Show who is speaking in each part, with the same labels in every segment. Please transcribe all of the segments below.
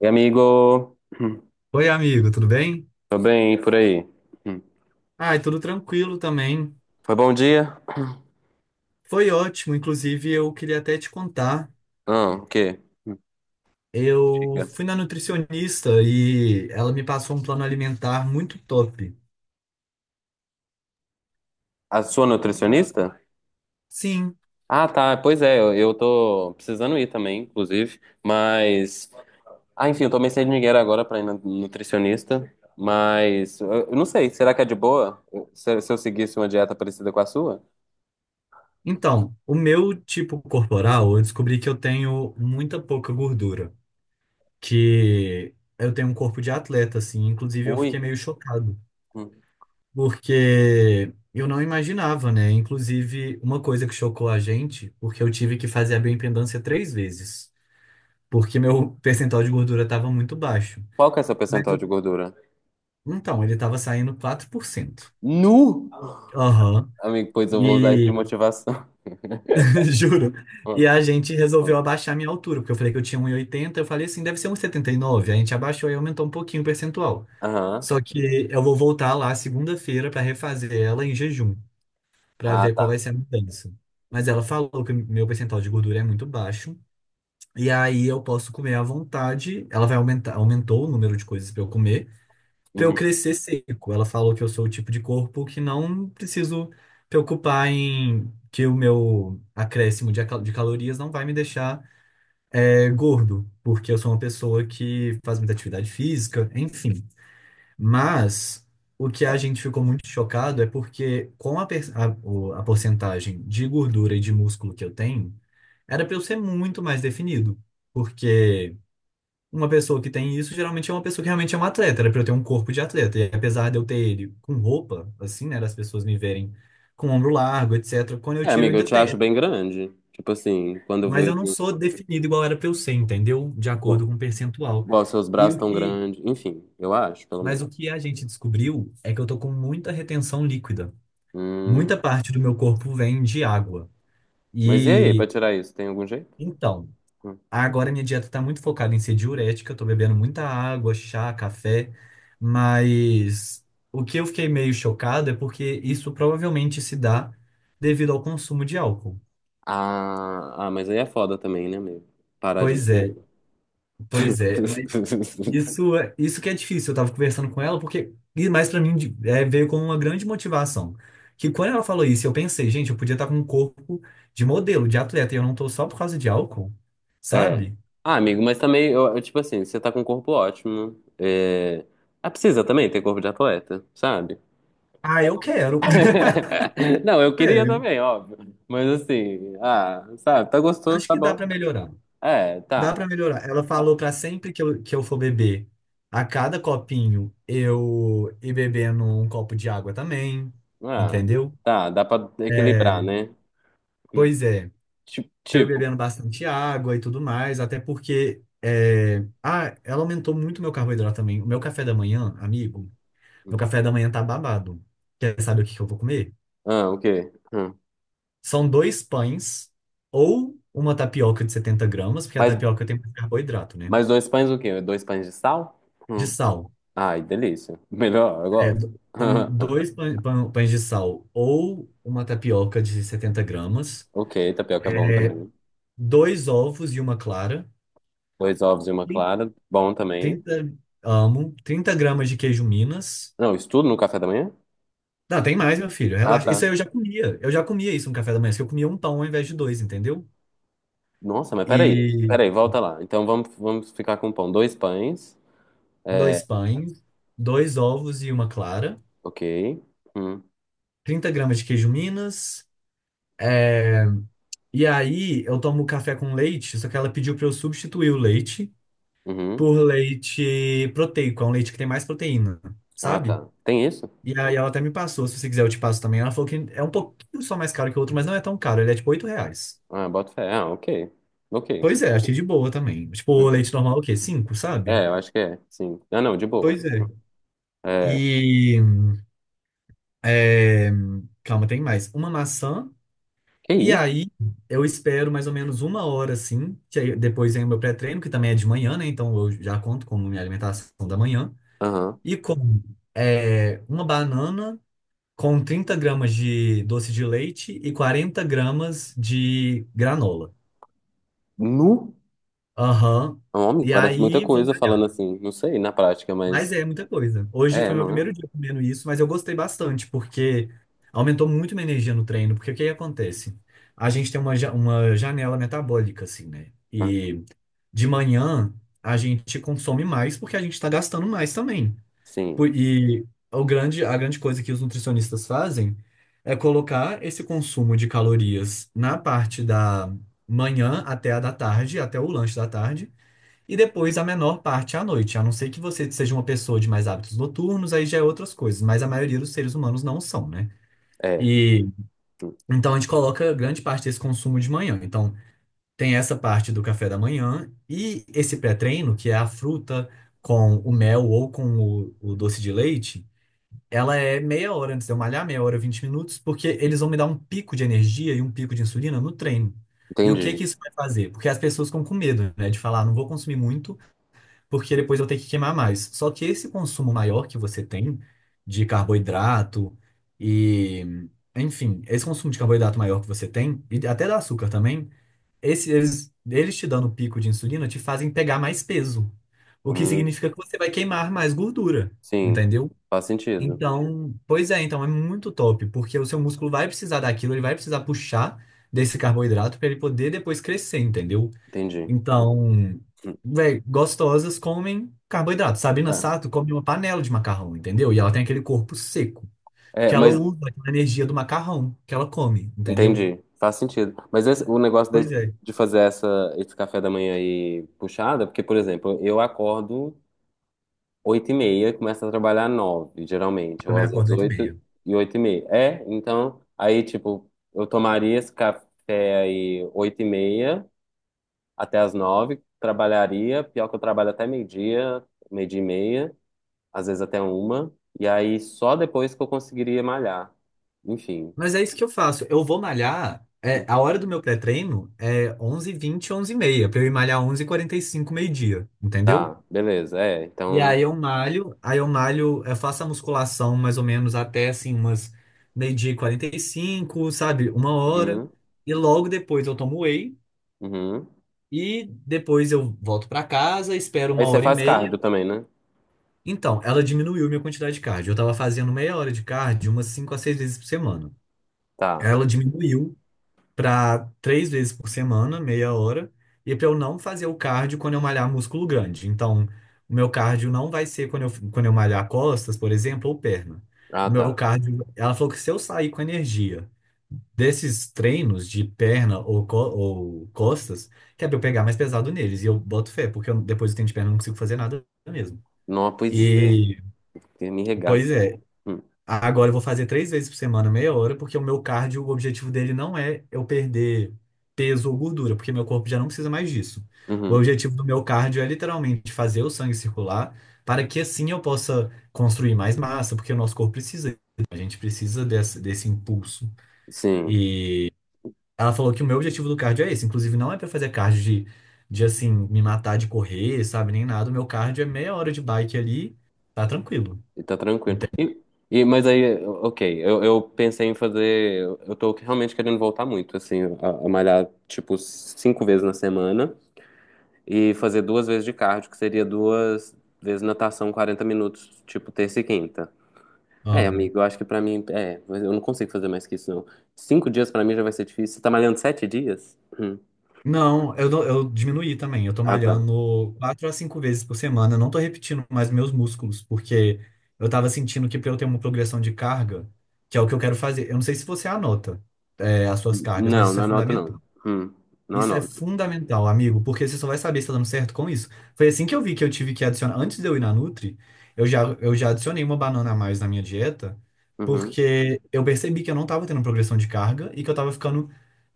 Speaker 1: E amigo, Hum.
Speaker 2: Oi, amigo, tudo bem?
Speaker 1: Tô bem, e por aí? Hum.
Speaker 2: Ai, tudo tranquilo também.
Speaker 1: Foi bom dia?
Speaker 2: Foi ótimo, inclusive eu queria até te contar.
Speaker 1: Ah, o quê?
Speaker 2: Eu
Speaker 1: Diga.
Speaker 2: fui na nutricionista e ela me passou um plano alimentar muito top.
Speaker 1: A sua nutricionista?
Speaker 2: Sim,
Speaker 1: Ah, tá, pois é, eu tô precisando ir também, inclusive, mas... Ah, enfim, eu tomei sem dinheiro agora pra ir na nutricionista, mas eu não sei, será que é de boa se eu seguisse uma dieta parecida com a sua?
Speaker 2: então, o meu tipo corporal, eu descobri que eu tenho muita pouca gordura, que eu tenho um corpo de atleta, assim, inclusive eu fiquei
Speaker 1: Ui,
Speaker 2: meio chocado,
Speaker 1: hum.
Speaker 2: porque eu não imaginava, né? Inclusive, uma coisa que chocou a gente, porque eu tive que fazer a bioimpedância três vezes, porque meu percentual de gordura estava muito baixo.
Speaker 1: Qual que é seu
Speaker 2: Mas
Speaker 1: percentual
Speaker 2: eu-
Speaker 1: de gordura?
Speaker 2: então, ele estava saindo 4%.
Speaker 1: Nu!
Speaker 2: Aham.
Speaker 1: Amigo, pois eu vou usar isso de
Speaker 2: E
Speaker 1: motivação.
Speaker 2: juro.
Speaker 1: Hum,
Speaker 2: E a gente
Speaker 1: hum.
Speaker 2: resolveu abaixar a minha altura, porque eu falei que eu tinha um 1,80, eu falei assim, deve ser um 1,79. A gente abaixou e aumentou um pouquinho o percentual.
Speaker 1: Aham,
Speaker 2: Só que eu vou voltar lá segunda-feira para refazer ela em jejum, para
Speaker 1: ah,
Speaker 2: ver qual vai
Speaker 1: tá.
Speaker 2: ser a mudança. Mas ela falou que meu percentual de gordura é muito baixo. E aí eu posso comer à vontade. Ela vai aumentar, aumentou o número de coisas para eu comer. Pra eu
Speaker 1: Uhum.
Speaker 2: crescer seco. Ela falou que eu sou o tipo de corpo que não preciso preocupar em que o meu acréscimo de calorias não vai me deixar gordo, porque eu sou uma pessoa que faz muita atividade física, enfim. Mas o que a gente ficou muito chocado é porque com a, per- a, o- a porcentagem de gordura e de músculo que eu tenho, era para eu ser muito mais definido, porque uma pessoa que tem isso geralmente é uma pessoa que realmente é um atleta, era pra eu ter um corpo de atleta. E apesar de eu ter ele com roupa, assim, né, das pessoas me verem com ombro largo, etc., quando eu
Speaker 1: É,
Speaker 2: tiro eu
Speaker 1: amiga, eu
Speaker 2: ainda
Speaker 1: te acho
Speaker 2: tenho.
Speaker 1: bem grande. Tipo assim, quando eu
Speaker 2: Mas
Speaker 1: vejo,
Speaker 2: eu não sou definido igual era pra eu ser, entendeu? De acordo
Speaker 1: pô,
Speaker 2: com o percentual.
Speaker 1: ó, seus
Speaker 2: E
Speaker 1: braços
Speaker 2: o
Speaker 1: tão
Speaker 2: que,
Speaker 1: grandes. Enfim, eu acho, pelo
Speaker 2: mas
Speaker 1: menos.
Speaker 2: o que a gente descobriu é que eu tô com muita retenção líquida.
Speaker 1: Hum,
Speaker 2: Muita parte do meu corpo vem de água.
Speaker 1: mas e aí, pra
Speaker 2: E
Speaker 1: tirar isso, tem algum jeito?
Speaker 2: então,
Speaker 1: Hum.
Speaker 2: agora minha dieta tá muito focada em ser diurética, eu tô bebendo muita água, chá, café, mas o que eu fiquei meio chocado é porque isso provavelmente se dá devido ao consumo de álcool.
Speaker 1: Ah, mas aí é foda também, né, amigo? Parar de
Speaker 2: Pois
Speaker 1: beber.
Speaker 2: é, pois é, mas isso que é difícil. Eu tava conversando com ela porque, e mais pra mim veio como uma grande motivação. Que quando ela falou isso, eu pensei, gente, eu podia estar com um corpo de modelo, de atleta, e eu não tô só por causa de álcool,
Speaker 1: É.
Speaker 2: sabe?
Speaker 1: Ah, amigo, mas também, tipo assim, você tá com um corpo ótimo. É... Ah, precisa também ter corpo de atleta, sabe?
Speaker 2: Ah, eu quero,
Speaker 1: Não, eu queria
Speaker 2: sério.
Speaker 1: também, óbvio. Mas assim, ah, sabe, tá gostoso,
Speaker 2: Acho
Speaker 1: tá
Speaker 2: que dá pra
Speaker 1: bom.
Speaker 2: melhorar.
Speaker 1: É,
Speaker 2: Dá
Speaker 1: tá.
Speaker 2: pra melhorar. Ela falou pra sempre que eu for beber, a cada copinho, eu ir bebendo um copo de água também,
Speaker 1: Ah,
Speaker 2: entendeu?
Speaker 1: tá, dá pra equilibrar,
Speaker 2: É,
Speaker 1: né? Hum.
Speaker 2: pois é, tô eu
Speaker 1: Tipo,
Speaker 2: bebendo bastante água e tudo mais, até porque ela aumentou muito meu carboidrato também. O meu café da manhã, amigo,
Speaker 1: hum,
Speaker 2: meu café da manhã tá babado. Quer saber o que que eu vou comer?
Speaker 1: ah, o quê? Hum.
Speaker 2: São dois pães ou uma tapioca de 70 gramas, porque a
Speaker 1: Mas,
Speaker 2: tapioca tem mais carboidrato, né?
Speaker 1: mas dois pães o quê? Dois pães de sal?
Speaker 2: De
Speaker 1: Hum.
Speaker 2: sal.
Speaker 1: Ai, delícia. Melhor, eu
Speaker 2: É,
Speaker 1: gosto.
Speaker 2: então, dois pães de sal ou uma tapioca de 70 gramas,
Speaker 1: Ok, tapioca é bom
Speaker 2: é,
Speaker 1: também.
Speaker 2: dois ovos e uma clara,
Speaker 1: Dois ovos e uma clara, bom também.
Speaker 2: 30, amo, 30 gramas de queijo Minas.
Speaker 1: Não, isso tudo no café da manhã?
Speaker 2: Não, tem mais, meu filho,
Speaker 1: Ah,
Speaker 2: relaxa. Isso
Speaker 1: tá.
Speaker 2: aí eu já comia. Eu já comia isso no café da manhã, só que eu comia um pão ao invés de dois, entendeu?
Speaker 1: Nossa, mas peraí.
Speaker 2: E
Speaker 1: Peraí, volta lá. Então vamos ficar com pão. Dois pães.
Speaker 2: dois
Speaker 1: É,
Speaker 2: pães, dois ovos e uma clara,
Speaker 1: ok. Hum,
Speaker 2: 30 gramas de queijo Minas. é, E aí eu tomo café com leite, só que ela pediu para eu substituir o leite
Speaker 1: uhum.
Speaker 2: por leite proteico, é um leite que tem mais proteína,
Speaker 1: Ah,
Speaker 2: sabe?
Speaker 1: tá. Tem isso?
Speaker 2: E aí ela até me passou, se você quiser eu te passo também. Ela falou que é um pouquinho só mais caro que o outro, mas não é tão caro, ele é tipo R$ 8.
Speaker 1: Ah, bota fé. Ah, ok. Ok.
Speaker 2: Pois é, achei de boa também. Tipo, o
Speaker 1: Uhum.
Speaker 2: leite normal é o quê? Cinco, sabe?
Speaker 1: É, eu acho que é, sim. Ah, não, de boa.
Speaker 2: Pois é.
Speaker 1: É,
Speaker 2: E... é, Calma, tem mais. Uma maçã,
Speaker 1: que
Speaker 2: e
Speaker 1: isso?
Speaker 2: aí eu espero mais ou menos uma hora, assim, que aí depois vem o meu pré-treino, que também é de manhã, né? Então eu já conto como minha alimentação da manhã.
Speaker 1: Aham.
Speaker 2: E como uma banana com 30 gramas de doce de leite e 40 gramas de granola.
Speaker 1: Nu?
Speaker 2: Aham.
Speaker 1: É um homem?
Speaker 2: E
Speaker 1: Parece muita
Speaker 2: aí vou
Speaker 1: coisa falando
Speaker 2: malhar.
Speaker 1: assim. Não sei, na prática,
Speaker 2: Mas
Speaker 1: mas...
Speaker 2: é muita coisa. Hoje
Speaker 1: É,
Speaker 2: foi meu
Speaker 1: não é?
Speaker 2: primeiro dia comendo isso, mas eu gostei bastante, porque aumentou muito minha energia no treino. Porque o que que acontece? A gente tem uma janela metabólica, assim, né?
Speaker 1: Ah,
Speaker 2: E de manhã a gente consome mais porque a gente tá gastando mais também.
Speaker 1: sim,
Speaker 2: E a grande coisa que os nutricionistas fazem é colocar esse consumo de calorias na parte da manhã até a da tarde, até o lanche da tarde, e depois a menor parte à noite. A não ser que você seja uma pessoa de mais hábitos noturnos, aí já é outras coisas, mas a maioria dos seres humanos não são, né?
Speaker 1: é.
Speaker 2: E então a gente coloca grande parte desse consumo de manhã. Então tem essa parte do café da manhã e esse pré-treino, que é a fruta com o mel ou com o doce de leite, ela é meia hora antes de eu malhar, meia hora, 20 minutos, porque eles vão me dar um pico de energia e um pico de insulina no treino. E o que que
Speaker 1: Entendi.
Speaker 2: isso vai fazer? Porque as pessoas ficam com medo, né, de falar, "Ah, não vou consumir muito, porque depois eu tenho que queimar mais." Só que esse consumo maior que você tem de carboidrato e, enfim, esse consumo de carboidrato maior que você tem, e até do açúcar também, eles te dando o pico de insulina te fazem pegar mais peso, o que
Speaker 1: Hum,
Speaker 2: significa que você vai queimar mais gordura,
Speaker 1: sim,
Speaker 2: entendeu?
Speaker 1: faz sentido.
Speaker 2: Então, pois é, então é muito top, porque o seu músculo vai precisar daquilo, ele vai precisar puxar desse carboidrato para ele poder depois crescer, entendeu?
Speaker 1: Entendi.
Speaker 2: Então, véi, gostosas comem carboidrato. Sabina Sato come uma panela de macarrão, entendeu? E ela tem aquele corpo seco,
Speaker 1: É, é,
Speaker 2: porque ela
Speaker 1: mas...
Speaker 2: usa aquela energia do macarrão que ela come, entendeu?
Speaker 1: Entendi. Faz sentido. O negócio
Speaker 2: Pois
Speaker 1: de,
Speaker 2: é,
Speaker 1: fazer esse café da manhã aí puxada, porque, por exemplo, eu acordo... Oito e meia, começa a trabalhar nove, geralmente, ou
Speaker 2: também
Speaker 1: às vezes
Speaker 2: acordo 8h30.
Speaker 1: oito e meia. É, então, aí, tipo, eu tomaria esse café aí oito e meia até as nove, trabalharia, pior que eu trabalho até meio-dia, meio-dia e meia, às vezes até uma, e aí só depois que eu conseguiria malhar. Enfim,
Speaker 2: Mas é isso que eu faço, eu vou malhar,
Speaker 1: hum,
Speaker 2: a hora do meu pré-treino é 11h20, 11h30, para eu ir malhar 11h45, meio-dia, entendeu?
Speaker 1: tá, beleza, é,
Speaker 2: E
Speaker 1: então,
Speaker 2: aí eu malho, aí eu malho, eu faço a musculação mais ou menos até assim umas meio-dia e quarenta e cinco, sabe? Uma hora.
Speaker 1: uhum,
Speaker 2: E logo depois eu tomo whey
Speaker 1: uhum.
Speaker 2: e depois eu volto pra casa, espero
Speaker 1: Aí
Speaker 2: uma
Speaker 1: você
Speaker 2: hora e
Speaker 1: faz
Speaker 2: meia.
Speaker 1: cardio também, né?
Speaker 2: Então, ela diminuiu minha quantidade de cardio. Eu tava fazendo meia hora de cardio umas 5 a 6 vezes por semana.
Speaker 1: Tá,
Speaker 2: Ela diminuiu para três vezes por semana, meia hora, e para eu não fazer o cardio quando eu malhar músculo grande. Então, o meu cardio não vai ser quando eu, malhar costas, por exemplo, ou perna.
Speaker 1: ah,
Speaker 2: O meu
Speaker 1: tá.
Speaker 2: cardio, ela falou que se eu sair com energia desses treinos de perna ou costas, que é pra eu pegar mais pesado neles, e eu boto fé, porque depois do treino de perna eu não consigo fazer nada mesmo.
Speaker 1: Não, pois é,
Speaker 2: E,
Speaker 1: que me regaça.
Speaker 2: pois é,
Speaker 1: Hum,
Speaker 2: agora eu vou fazer três vezes por semana, meia hora, porque o meu cardio, o objetivo dele não é eu perder peso ou gordura, porque meu corpo já não precisa mais disso. O
Speaker 1: Uhum.
Speaker 2: objetivo do meu cardio é literalmente fazer o sangue circular para que assim eu possa construir mais massa, porque o nosso corpo precisa, a gente precisa desse impulso.
Speaker 1: Sim.
Speaker 2: E ela falou que o meu objetivo do cardio é esse, inclusive não é para fazer cardio de assim, me matar de correr, sabe, nem nada. O meu cardio é meia hora de bike ali, tá tranquilo.
Speaker 1: E tá tranquilo.
Speaker 2: Entende?
Speaker 1: Mas aí, ok, eu pensei em fazer. Eu tô realmente querendo voltar muito, assim, a malhar, tipo, cinco vezes na semana e fazer duas vezes de cardio, que seria duas vezes natação, 40 minutos, tipo, terça e quinta. É,
Speaker 2: Amo.
Speaker 1: amigo, eu acho que pra mim. É, mas eu não consigo fazer mais que isso, não. 5 dias pra mim já vai ser difícil. Você tá malhando 7 dias?
Speaker 2: Não, eu diminuí também. Eu tô
Speaker 1: Ah, tá.
Speaker 2: malhando quatro a cinco vezes por semana. Eu não tô repetindo mais meus músculos, porque eu tava sentindo que pra eu ter uma progressão de carga, que é o que eu quero fazer. Eu não sei se você anota, as suas cargas, mas
Speaker 1: Não,
Speaker 2: isso é
Speaker 1: não anoto, não.
Speaker 2: fundamental.
Speaker 1: Hum. Não
Speaker 2: Isso é
Speaker 1: anoto.
Speaker 2: fundamental, amigo, porque você só vai saber se tá dando certo com isso. Foi assim que eu vi que eu tive que adicionar. Antes de eu ir na Nutri, eu já adicionei uma banana a mais na minha dieta,
Speaker 1: Uhum.
Speaker 2: porque eu percebi que eu não tava tendo progressão de carga e que eu tava ficando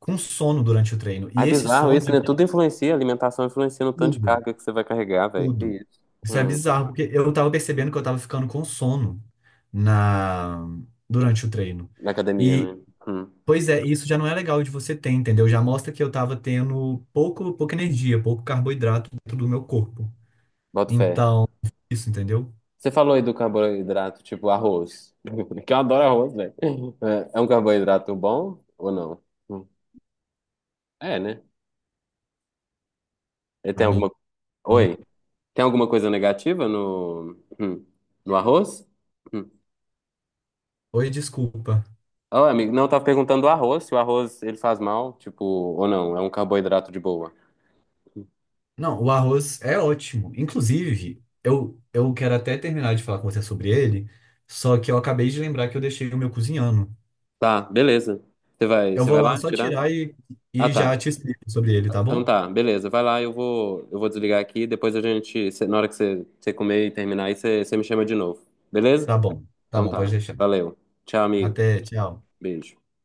Speaker 2: com sono durante o treino.
Speaker 1: Ah, é
Speaker 2: E esse
Speaker 1: bizarro
Speaker 2: sono
Speaker 1: isso, né? Tudo influencia, a alimentação influencia no tanto de
Speaker 2: tudo,
Speaker 1: carga que você vai carregar, velho. Que
Speaker 2: tudo.
Speaker 1: isso.
Speaker 2: Isso é
Speaker 1: Hum,
Speaker 2: bizarro, porque eu tava percebendo que eu tava ficando com sono na durante o treino.
Speaker 1: Na academia,
Speaker 2: E,
Speaker 1: né? Hum,
Speaker 2: pois é, isso já não é legal de você ter, entendeu? Já mostra que eu tava tendo pouco, pouca energia, pouco carboidrato dentro do meu corpo.
Speaker 1: Boto fé.
Speaker 2: Então, isso, entendeu?
Speaker 1: Você falou aí do carboidrato, tipo arroz. Que eu adoro arroz, velho. É, é um carboidrato bom ou não? Hum, é, né? Ele tem
Speaker 2: Amigo?
Speaker 1: alguma. Oi? Tem alguma coisa negativa no, no arroz? Hum.
Speaker 2: Oi, desculpa.
Speaker 1: Oh, amigo, não, eu tava perguntando do arroz, se o arroz ele faz mal, tipo, ou não, é um carboidrato de boa.
Speaker 2: Não, o arroz é ótimo. Inclusive, eu quero até terminar de falar com você sobre ele, só que eu acabei de lembrar que eu deixei o meu cozinhando.
Speaker 1: Tá, beleza.
Speaker 2: Eu
Speaker 1: Você
Speaker 2: vou
Speaker 1: vai
Speaker 2: lá
Speaker 1: lá
Speaker 2: só
Speaker 1: tirar?
Speaker 2: tirar e,
Speaker 1: Ah,
Speaker 2: e
Speaker 1: tá.
Speaker 2: já te explico sobre ele, tá
Speaker 1: Então
Speaker 2: bom?
Speaker 1: tá, beleza. Vai lá, eu vou desligar aqui. Depois a gente, na hora que você comer e terminar, aí você me chama de novo. Beleza?
Speaker 2: Tá bom, tá
Speaker 1: Então
Speaker 2: bom, pode
Speaker 1: tá.
Speaker 2: deixar.
Speaker 1: Valeu. Tchau, amigo.
Speaker 2: Até, tchau.
Speaker 1: Beijo.